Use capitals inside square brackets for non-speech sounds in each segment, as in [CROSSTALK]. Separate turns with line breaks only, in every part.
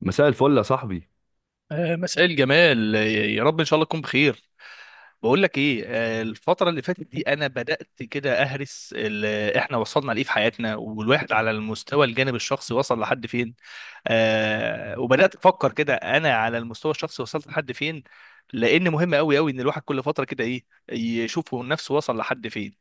مساء الفل يا صاحبي.
مساء الجمال يا رب ان شاء الله تكون بخير. بقول لك ايه؟ الفتره اللي فاتت دي انا بدات كده اهرس احنا وصلنا لايه في حياتنا، والواحد على المستوى الجانب الشخصي وصل لحد فين. وبدات افكر كده، انا على المستوى الشخصي وصلت لحد فين، لان مهم قوي قوي ان الواحد كل فتره كده ايه يشوف هو نفسه وصل لحد فين.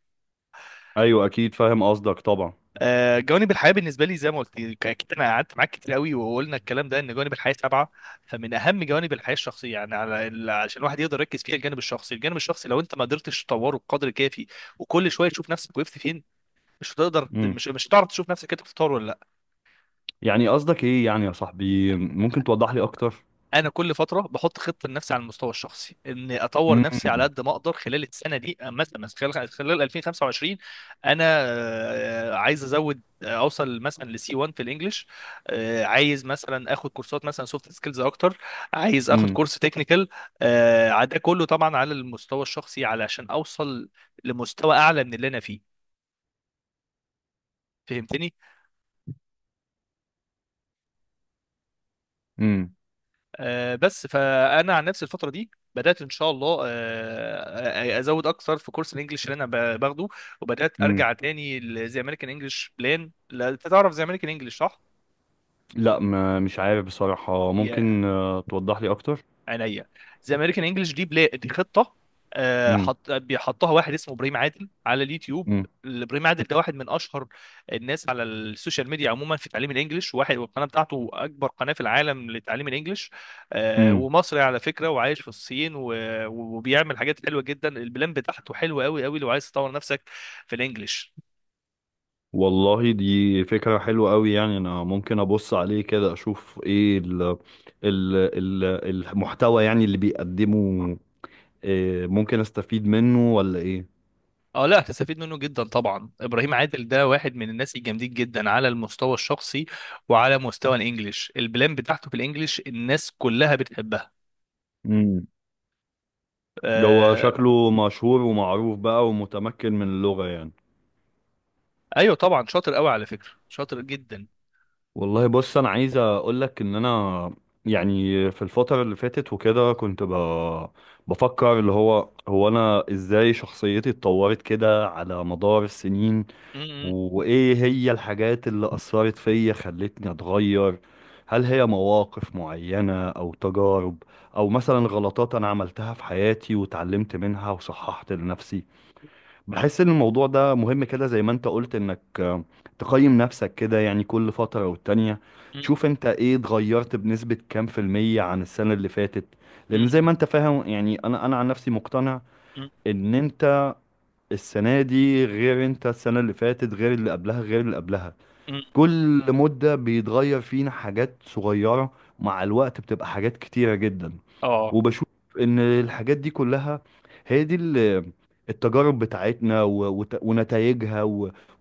ايوه اكيد فاهم قصدك طبعا.
جوانب الحياه بالنسبه لي، زي ما قلت لك، اكيد انا قعدت معاك كتير قوي وقلنا الكلام ده، ان جوانب الحياه سبعه. فمن اهم جوانب الحياه الشخصيه، يعني على عشان الواحد يقدر يركز فيها، الجانب الشخصي، الجانب الشخصي لو انت ما قدرتش تطوره بقدر كافي وكل شويه تشوف نفسك وقفت فين، مش هتقدر،
امم
مش هتعرف تشوف نفسك انت بتتطور ولا.
يعني قصدك ايه يعني يا صاحبي؟ ممكن توضح لي اكتر؟
انا كل فتره بحط خطه لنفسي على المستوى الشخصي اني اطور
امم
نفسي على قد ما اقدر خلال السنه دي، مثلا، مثلا خلال 2025. انا عايز ازود، اوصل مثلا لسي 1 في الانجليش. عايز مثلا اخد كورسات مثلا سوفت سكيلز اكتر. عايز اخد
امم
كورس تكنيكال. ده كله طبعا على المستوى الشخصي علشان اوصل لمستوى اعلى من اللي انا فيه. فهمتني؟
امم
بس فانا عن نفسي الفتره دي بدات ان شاء الله، ازود اكثر في كورس الانجليش اللي انا باخده، وبدات
امم
ارجع تاني. زي امريكان انجلش بلان، لا انت تعرف زي امريكان انجلش، صح؟
لا ما مش عارف بصراحة. ممكن توضح لي اكتر؟
عينيا. ذا امريكان انجلش دي دي خطه.
امم
حط، بيحطها واحد اسمه ابراهيم عادل على اليوتيوب.
امم
ابراهيم عادل ده واحد من اشهر الناس على السوشيال ميديا عموما في تعليم الانجليش، واحد، والقناه بتاعته اكبر قناه في العالم لتعليم الانجليش.
امم
ومصري على فكره، وعايش في الصين وبيعمل حاجات حلوه جدا. البلان بتاعته حلوه قوي قوي لو عايز تطور نفسك في الانجليش.
والله دي فكرة حلوة قوي. يعني انا ممكن ابص عليه كده اشوف ايه ال المحتوى يعني اللي بيقدمه. ممكن استفيد منه ولا
اه لا هتستفيد منه جدا طبعا. ابراهيم عادل ده واحد من الناس الجامدين جدا على المستوى الشخصي وعلى مستوى الانجليش. البلان بتاعته في الانجليش الناس كلها بتحبها.
ايه؟ ده هو
آه.
شكله مشهور ومعروف بقى ومتمكن من اللغة يعني.
ايوه طبعا، شاطر قوي على فكرة، شاطر جدا.
والله بص أنا عايز أقولك إن أنا يعني في الفترة اللي فاتت وكده بفكر اللي هو أنا إزاي شخصيتي اتطورت كده على مدار السنين.
م- م-
وإيه هي الحاجات اللي أثرت فيا خلتني أتغير؟ هل هي مواقف معينة أو تجارب، أو مثلا غلطات أنا عملتها في حياتي واتعلمت منها وصححت لنفسي؟ بحس ان الموضوع ده مهم كده زي ما انت قلت انك تقيم نفسك كده، يعني كل فترة والتانية تشوف
م-
انت ايه اتغيرت بنسبة كام في المية عن السنة اللي فاتت. لان زي
م-
ما انت فاهم يعني انا عن نفسي مقتنع
م-
ان انت السنة دي غير انت السنة اللي فاتت غير اللي قبلها غير اللي قبلها.
م.
كل مدة بيتغير فينا حاجات صغيرة، مع الوقت بتبقى حاجات كتيرة جدا.
اه.
وبشوف ان الحاجات دي كلها هي دي التجارب بتاعتنا ونتائجها،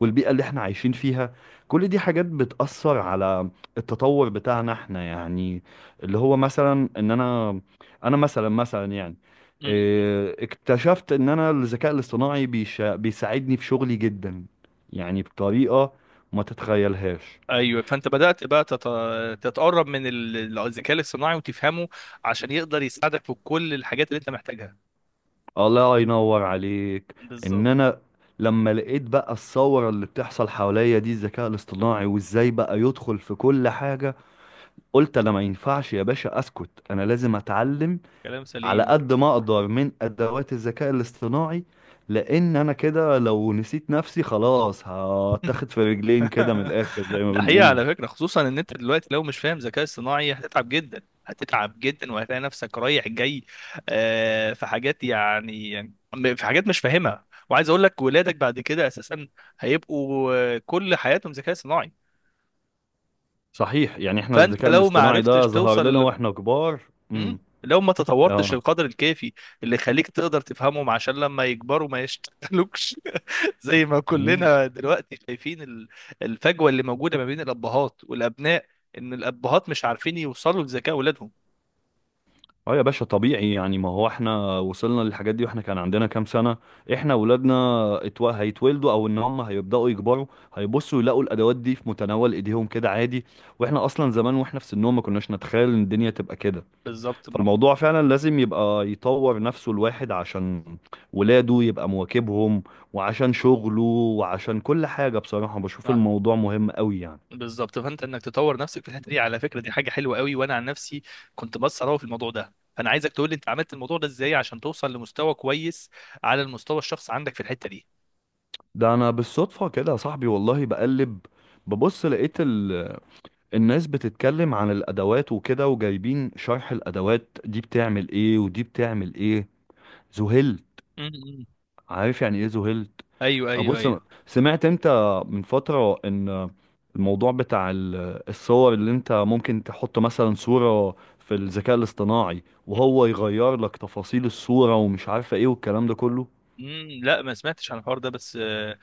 والبيئة اللي احنا عايشين فيها، كل دي حاجات بتأثر على التطور بتاعنا احنا يعني. اللي هو مثلا ان انا، انا مثلا يعني
م.
اكتشفت ان انا الذكاء الاصطناعي بيساعدني في شغلي جدا، يعني بطريقة ما تتخيلهاش.
ايوه، فانت بدأت بقى تتقرب من الذكاء الاصطناعي وتفهمه عشان يقدر يساعدك في كل الحاجات اللي انت محتاجها.
الله ينور عليك.
بالظبط.
ان انا لما لقيت بقى الثوره اللي بتحصل حواليا دي الذكاء الاصطناعي وازاي بقى يدخل في كل حاجه، قلت انا ما ينفعش يا باشا اسكت، انا لازم اتعلم
كلام
على
سليم.
قد ما اقدر من ادوات الذكاء الاصطناعي. لان انا كده لو نسيت نفسي خلاص هتاخد في رجلين كده من
[LAUGHS]
الاخر زي ما
ده حقيقة
بنقول.
على فكرة، خصوصا ان انت دلوقتي لو مش فاهم ذكاء اصطناعي هتتعب جدا، هتتعب جدا، وهتلاقي نفسك رايح جاي. في حاجات يعني في حاجات مش فاهمها، وعايز اقول لك ولادك بعد كده اساسا هيبقوا كل حياتهم ذكاء صناعي.
صحيح، يعني احنا
فانت
الذكاء
لو ما
الاصطناعي ده
عرفتش
ظهر لنا
توصل،
واحنا كبار. امم،
لو ما تطورتش القدر الكافي اللي يخليك تقدر تفهمهم، عشان لما يكبروا ما يشتغلوكش. [LAUGHS] زي ما
اه.
كلنا دلوقتي شايفين الفجوة اللي موجودة ما بين الأبهات والأبناء، إن الأبهات مش عارفين يوصلوا لذكاء أولادهم.
اه يا باشا طبيعي يعني، ما هو احنا وصلنا للحاجات دي واحنا كان عندنا كام سنة. احنا ولادنا هيتولدوا او ان هم هيبدأوا يكبروا، هيبصوا يلاقوا الادوات دي في متناول ايديهم كده عادي. واحنا اصلا زمان واحنا في سنهم ما كناش نتخيل ان الدنيا تبقى كده.
بالظبط.
فالموضوع فعلا لازم يبقى يطور نفسه الواحد عشان ولاده يبقى مواكبهم، وعشان شغله، وعشان كل حاجة. بصراحة بشوف
آه.
الموضوع مهم قوي يعني.
بالظبط، فأنت إنك تطور نفسك في الحتة دي على فكرة، دي حاجة حلوة قوي. وأنا عن نفسي كنت بس أراوغ في الموضوع ده، فأنا عايزك تقول لي أنت عملت الموضوع ده إزاي عشان توصل لمستوى كويس على المستوى الشخص عندك في الحتة دي.
ده انا بالصدفة كده يا صاحبي والله. بقلب ببص لقيت الناس بتتكلم عن الادوات وكده وجايبين شرح الادوات دي بتعمل ايه ودي بتعمل ايه. ذهلت.
مم.
عارف يعني ايه ذهلت.
أيوه، أيوه،
ابص،
أيوه.
سمعت انت من فترة ان الموضوع بتاع الصور اللي انت ممكن تحط مثلا صورة في الذكاء الاصطناعي وهو يغير لك تفاصيل الصورة ومش عارفة ايه والكلام ده كله.
امم، لا ما سمعتش عن الحوار ده، بس آه،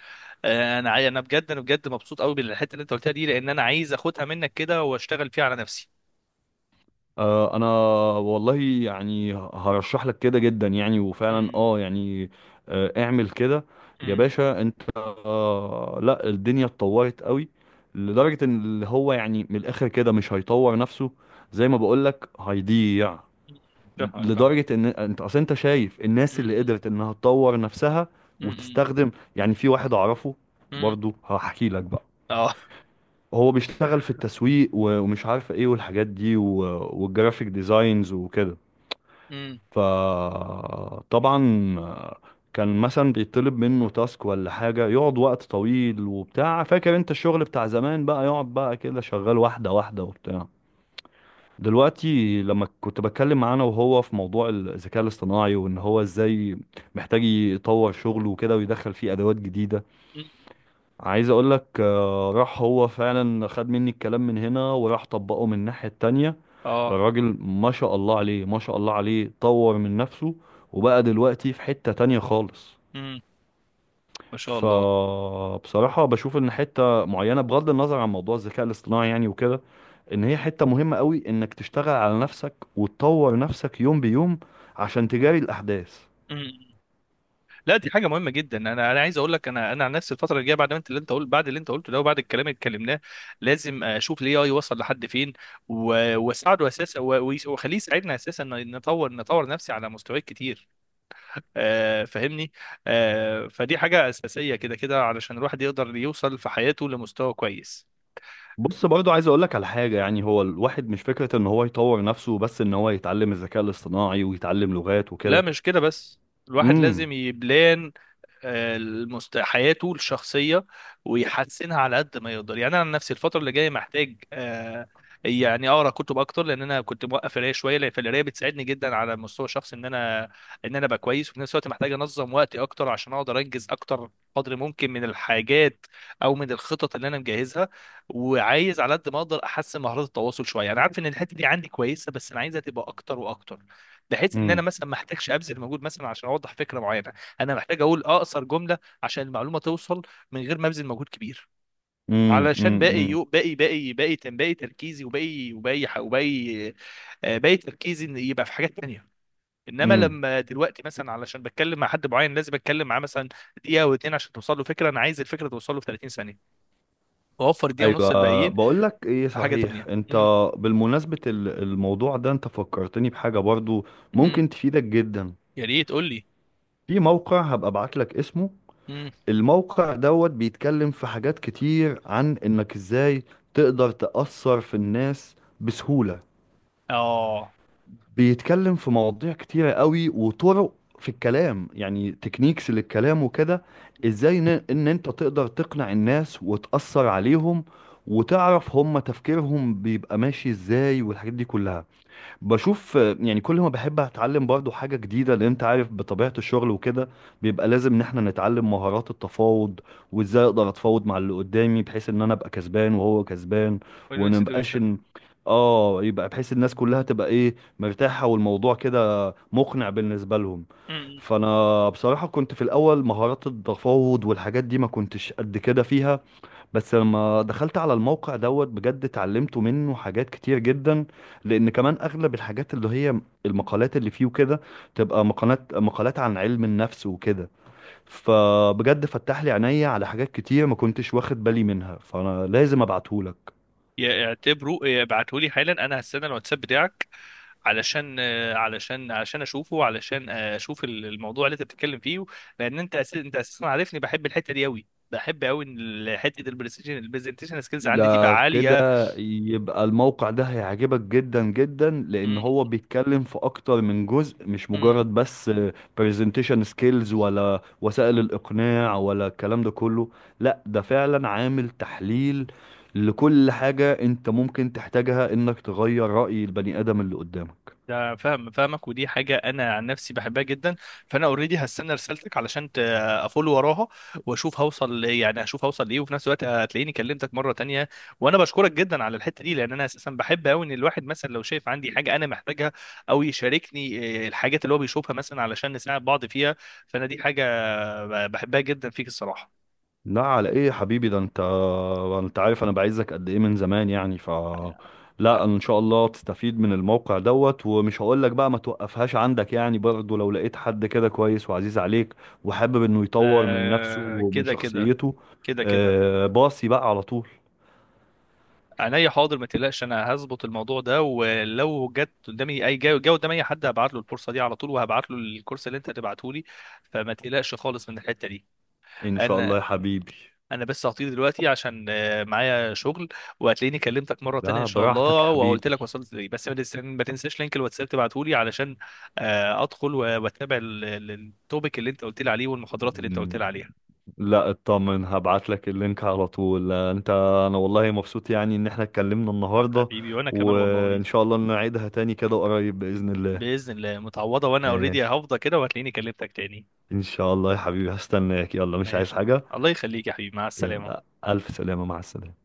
آه، انا انا بجد، انا بجد مبسوط قوي بالحته اللي انت قلتها دي، لان انا عايز اخدها منك كده واشتغل فيها على نفسي.
انا والله يعني هرشح لك كده جدا يعني. وفعلا
امم.
اه يعني اعمل كده. يا
امم.
باشا انت، لا الدنيا اتطورت قوي لدرجة ان اللي هو يعني من الاخر كده مش هيطور نفسه زي ما بقول لك هيضيع.
فاهمك، فاهمك.
لدرجة ان انت اصل انت شايف الناس اللي
امم
قدرت انها تطور نفسها
امم
وتستخدم. يعني في واحد اعرفه،
امم
برضو هحكي لك بقى.
اه.
هو بيشتغل في التسويق ومش عارف ايه والحاجات دي والجرافيك ديزاينز وكده.
امم.
فطبعا كان مثلا بيطلب منه تاسك ولا حاجة يقعد وقت طويل وبتاع، فاكر انت الشغل بتاع زمان بقى، يقعد بقى كده شغال واحدة واحدة وبتاع. دلوقتي لما كنت بتكلم معاه انا وهو في موضوع الذكاء الاصطناعي وان هو ازاي محتاج يطور شغله وكده ويدخل فيه ادوات جديدة، عايز اقول لك راح هو فعلا خد مني الكلام من هنا وراح طبقه من الناحية التانية.
اه.
الراجل ما شاء الله عليه ما شاء الله عليه، طور من نفسه وبقى دلوقتي في حتة تانية خالص.
امم. ما شاء الله.
فبصراحة بشوف ان حتة معينة، بغض النظر عن موضوع الذكاء الاصطناعي يعني وكده، ان هي حتة مهمة قوي انك تشتغل على نفسك وتطور نفسك يوم بيوم عشان تجاري الاحداث.
امم. لا دي حاجه مهمه جدا. انا عايز اقول لك، انا عن نفسي الفتره الجايه بعد ما انت، اللي انت قلت، بعد اللي انت قلته ده وبعد الكلام اللي اتكلمناه، لازم اشوف الاي اي وصل لحد فين، واساعده اساسا، واخليه يساعدنا اساسا، إن نطور، نطور نفسي على مستويات كتير. آه فاهمني. آه فدي حاجه اساسيه كده كده، علشان الواحد يقدر يوصل في حياته لمستوى كويس.
بص برضو عايز اقول لك على حاجه، يعني هو الواحد مش فكره ان هو يطور نفسه بس ان هو يتعلم الذكاء الاصطناعي ويتعلم لغات
لا
وكده.
مش كده بس، الواحد
امم
لازم يبلان حياته الشخصية ويحسنها على قد ما يقدر. يعني أنا عن نفسي الفترة اللي جاية محتاج يعني أقرأ كتب أكتر، لأن أنا كنت موقف قراية شوية، لأن فالقراية بتساعدني جدا على المستوى الشخصي إن أنا، إن أنا أبقى كويس. وفي نفس الوقت محتاج أنظم وقتي أكتر عشان أقدر أنجز أكتر قدر ممكن من الحاجات أو من الخطط اللي أنا مجهزها. وعايز على قد ما أقدر أحسن مهارات التواصل شوية. أنا عارف إن الحتة دي عندي كويسة، بس أنا عايزها تبقى أكتر وأكتر، بحيث إن أنا
امم
مثلا ما أحتاجش أبذل مجهود مثلا عشان أوضح فكرة معينة. انا محتاج اقول اقصر جمله عشان المعلومه توصل من غير ما ابذل مجهود كبير،
امم
علشان
امم
باقي
امم
باقي باقي تركيزي وباقي وباقي، باقي تركيزي إن يبقى في حاجات تانية. انما
إمم.
لما دلوقتي مثلا علشان بتكلم مع حد معين لازم اتكلم معاه مثلا دقيقه او اتنين عشان توصل له فكره، انا عايز الفكره توصل له في 30 ثانيه واوفر دقيقه ونص
ايوه
الباقيين
بقول لك ايه
في حاجه
صحيح
تانية.
انت.
امم.
بالمناسبه الموضوع ده انت فكرتني بحاجه برضو
امم.
ممكن تفيدك جدا.
يا ريت قول لي.
في موقع هبقى ابعت لك اسمه،
امم.
الموقع دوت بيتكلم في حاجات كتير عن انك ازاي تقدر تأثر في الناس بسهوله.
اه.
بيتكلم في مواضيع كتيرة قوي وطرق في الكلام، يعني تكنيكس للكلام وكده، ازاي ان انت تقدر تقنع الناس وتأثر عليهم وتعرف هم تفكيرهم بيبقى ماشي ازاي والحاجات دي كلها. بشوف يعني كل ما بحب اتعلم برضو حاجة جديدة. لان انت عارف بطبيعة الشغل وكده بيبقى لازم ان احنا نتعلم مهارات التفاوض، وازاي اقدر اتفاوض مع اللي قدامي بحيث ان انا ابقى كسبان وهو كسبان،
وين وين
ونبقاش
سيتويشن.
ان اه، يبقى بحيث الناس كلها تبقى ايه مرتاحة والموضوع كده مقنع بالنسبة لهم. فانا بصراحة كنت في الاول مهارات التفاوض والحاجات دي ما كنتش قد كده فيها، بس لما دخلت على الموقع دوت بجد اتعلمت منه حاجات كتير جدا. لان كمان اغلب الحاجات اللي هي المقالات اللي فيه وكده تبقى مقالات عن علم النفس وكده. فبجد فتح لي عينيا على حاجات كتير ما كنتش واخد بالي منها، فانا لازم ابعتهولك.
اعتبره ابعته لي حالا، انا هستنى الواتساب بتاعك علشان علشان اشوفه، علشان اشوف الموضوع اللي انت بتتكلم فيه، لان انت انت اساسا عارفني بحب الحته دي قوي، بحب قوي ان حته البرزنتيشن، البرزنتيشن سكيلز عندي
ده
تبقى
كده
عاليه.
يبقى الموقع ده هيعجبك جدا جدا، لان
م-
هو بيتكلم في اكتر من جزء، مش
م-
مجرد بس presentation skills ولا وسائل الاقناع ولا الكلام ده كله. لا ده فعلا عامل تحليل لكل حاجة انت ممكن تحتاجها انك تغير رأي البني ادم اللي قدامك.
ده فاهم، فاهمك. ودي حاجة أنا عن نفسي بحبها جدا. فأنا أوريدي هستنى رسالتك علشان أفول وراها وأشوف هوصل يعني، أشوف هوصل لإيه. وفي نفس الوقت هتلاقيني كلمتك مرة تانية. وأنا بشكرك جدا على الحتة دي، لأن أنا أساسا بحب أوي إن الواحد مثلا لو شايف عندي حاجة أنا محتاجها أو يشاركني الحاجات اللي هو بيشوفها مثلا علشان نساعد بعض فيها. فأنا دي حاجة بحبها جدا فيك الصراحة.
لا على ايه يا حبيبي، ده انت، انت عارف انا بعزك قد ايه من زمان يعني. ف لا انا ان شاء الله تستفيد من الموقع دوت، ومش هقول لك بقى ما توقفهاش عندك يعني، برضه لو لقيت حد كده كويس وعزيز عليك وحابب انه يطور من نفسه ومن
كده كده،
شخصيته
كده كده.
باصي بقى على طول.
عينيا، حاضر، ما تقلقش، انا هظبط الموضوع ده، ولو جت قدامي اي جاي قدامي اي حد هبعت له الفرصه دي على طول، وهبعت له الكورس اللي انت هتبعته لي، فما تقلقش خالص من الحته دي.
ان شاء الله يا
انا
حبيبي.
انا بس هطير دلوقتي عشان معايا شغل، وهتلاقيني كلمتك مره تانية ان
لا
شاء
براحتك
الله
يا
وقلت لك وصلت ليه. بس ما تنساش لينك الواتساب تبعته لي، علشان ادخل واتابع التوبيك اللي انت قلت لي عليه والمحاضرات اللي انت قلت
حبيبي.
لي عليها.
لا اطمن هبعت لك اللينك على طول. آه، انت انا والله مبسوط يعني ان احنا اتكلمنا النهارده،
حبيبي وانا كمان والله.
وان شاء الله نعيدها تاني كده قريب باذن الله.
باذن الله متعوضه. وانا
آه،
اوريدي هفضى كده وهتلاقيني كلمتك تاني.
ان شاء الله يا حبيبي هستناك. يلا مش عايز
ماشي،
حاجه.
الله يخليك يا حبيبي، مع السلامة.
يلا الف سلامه، مع السلامه.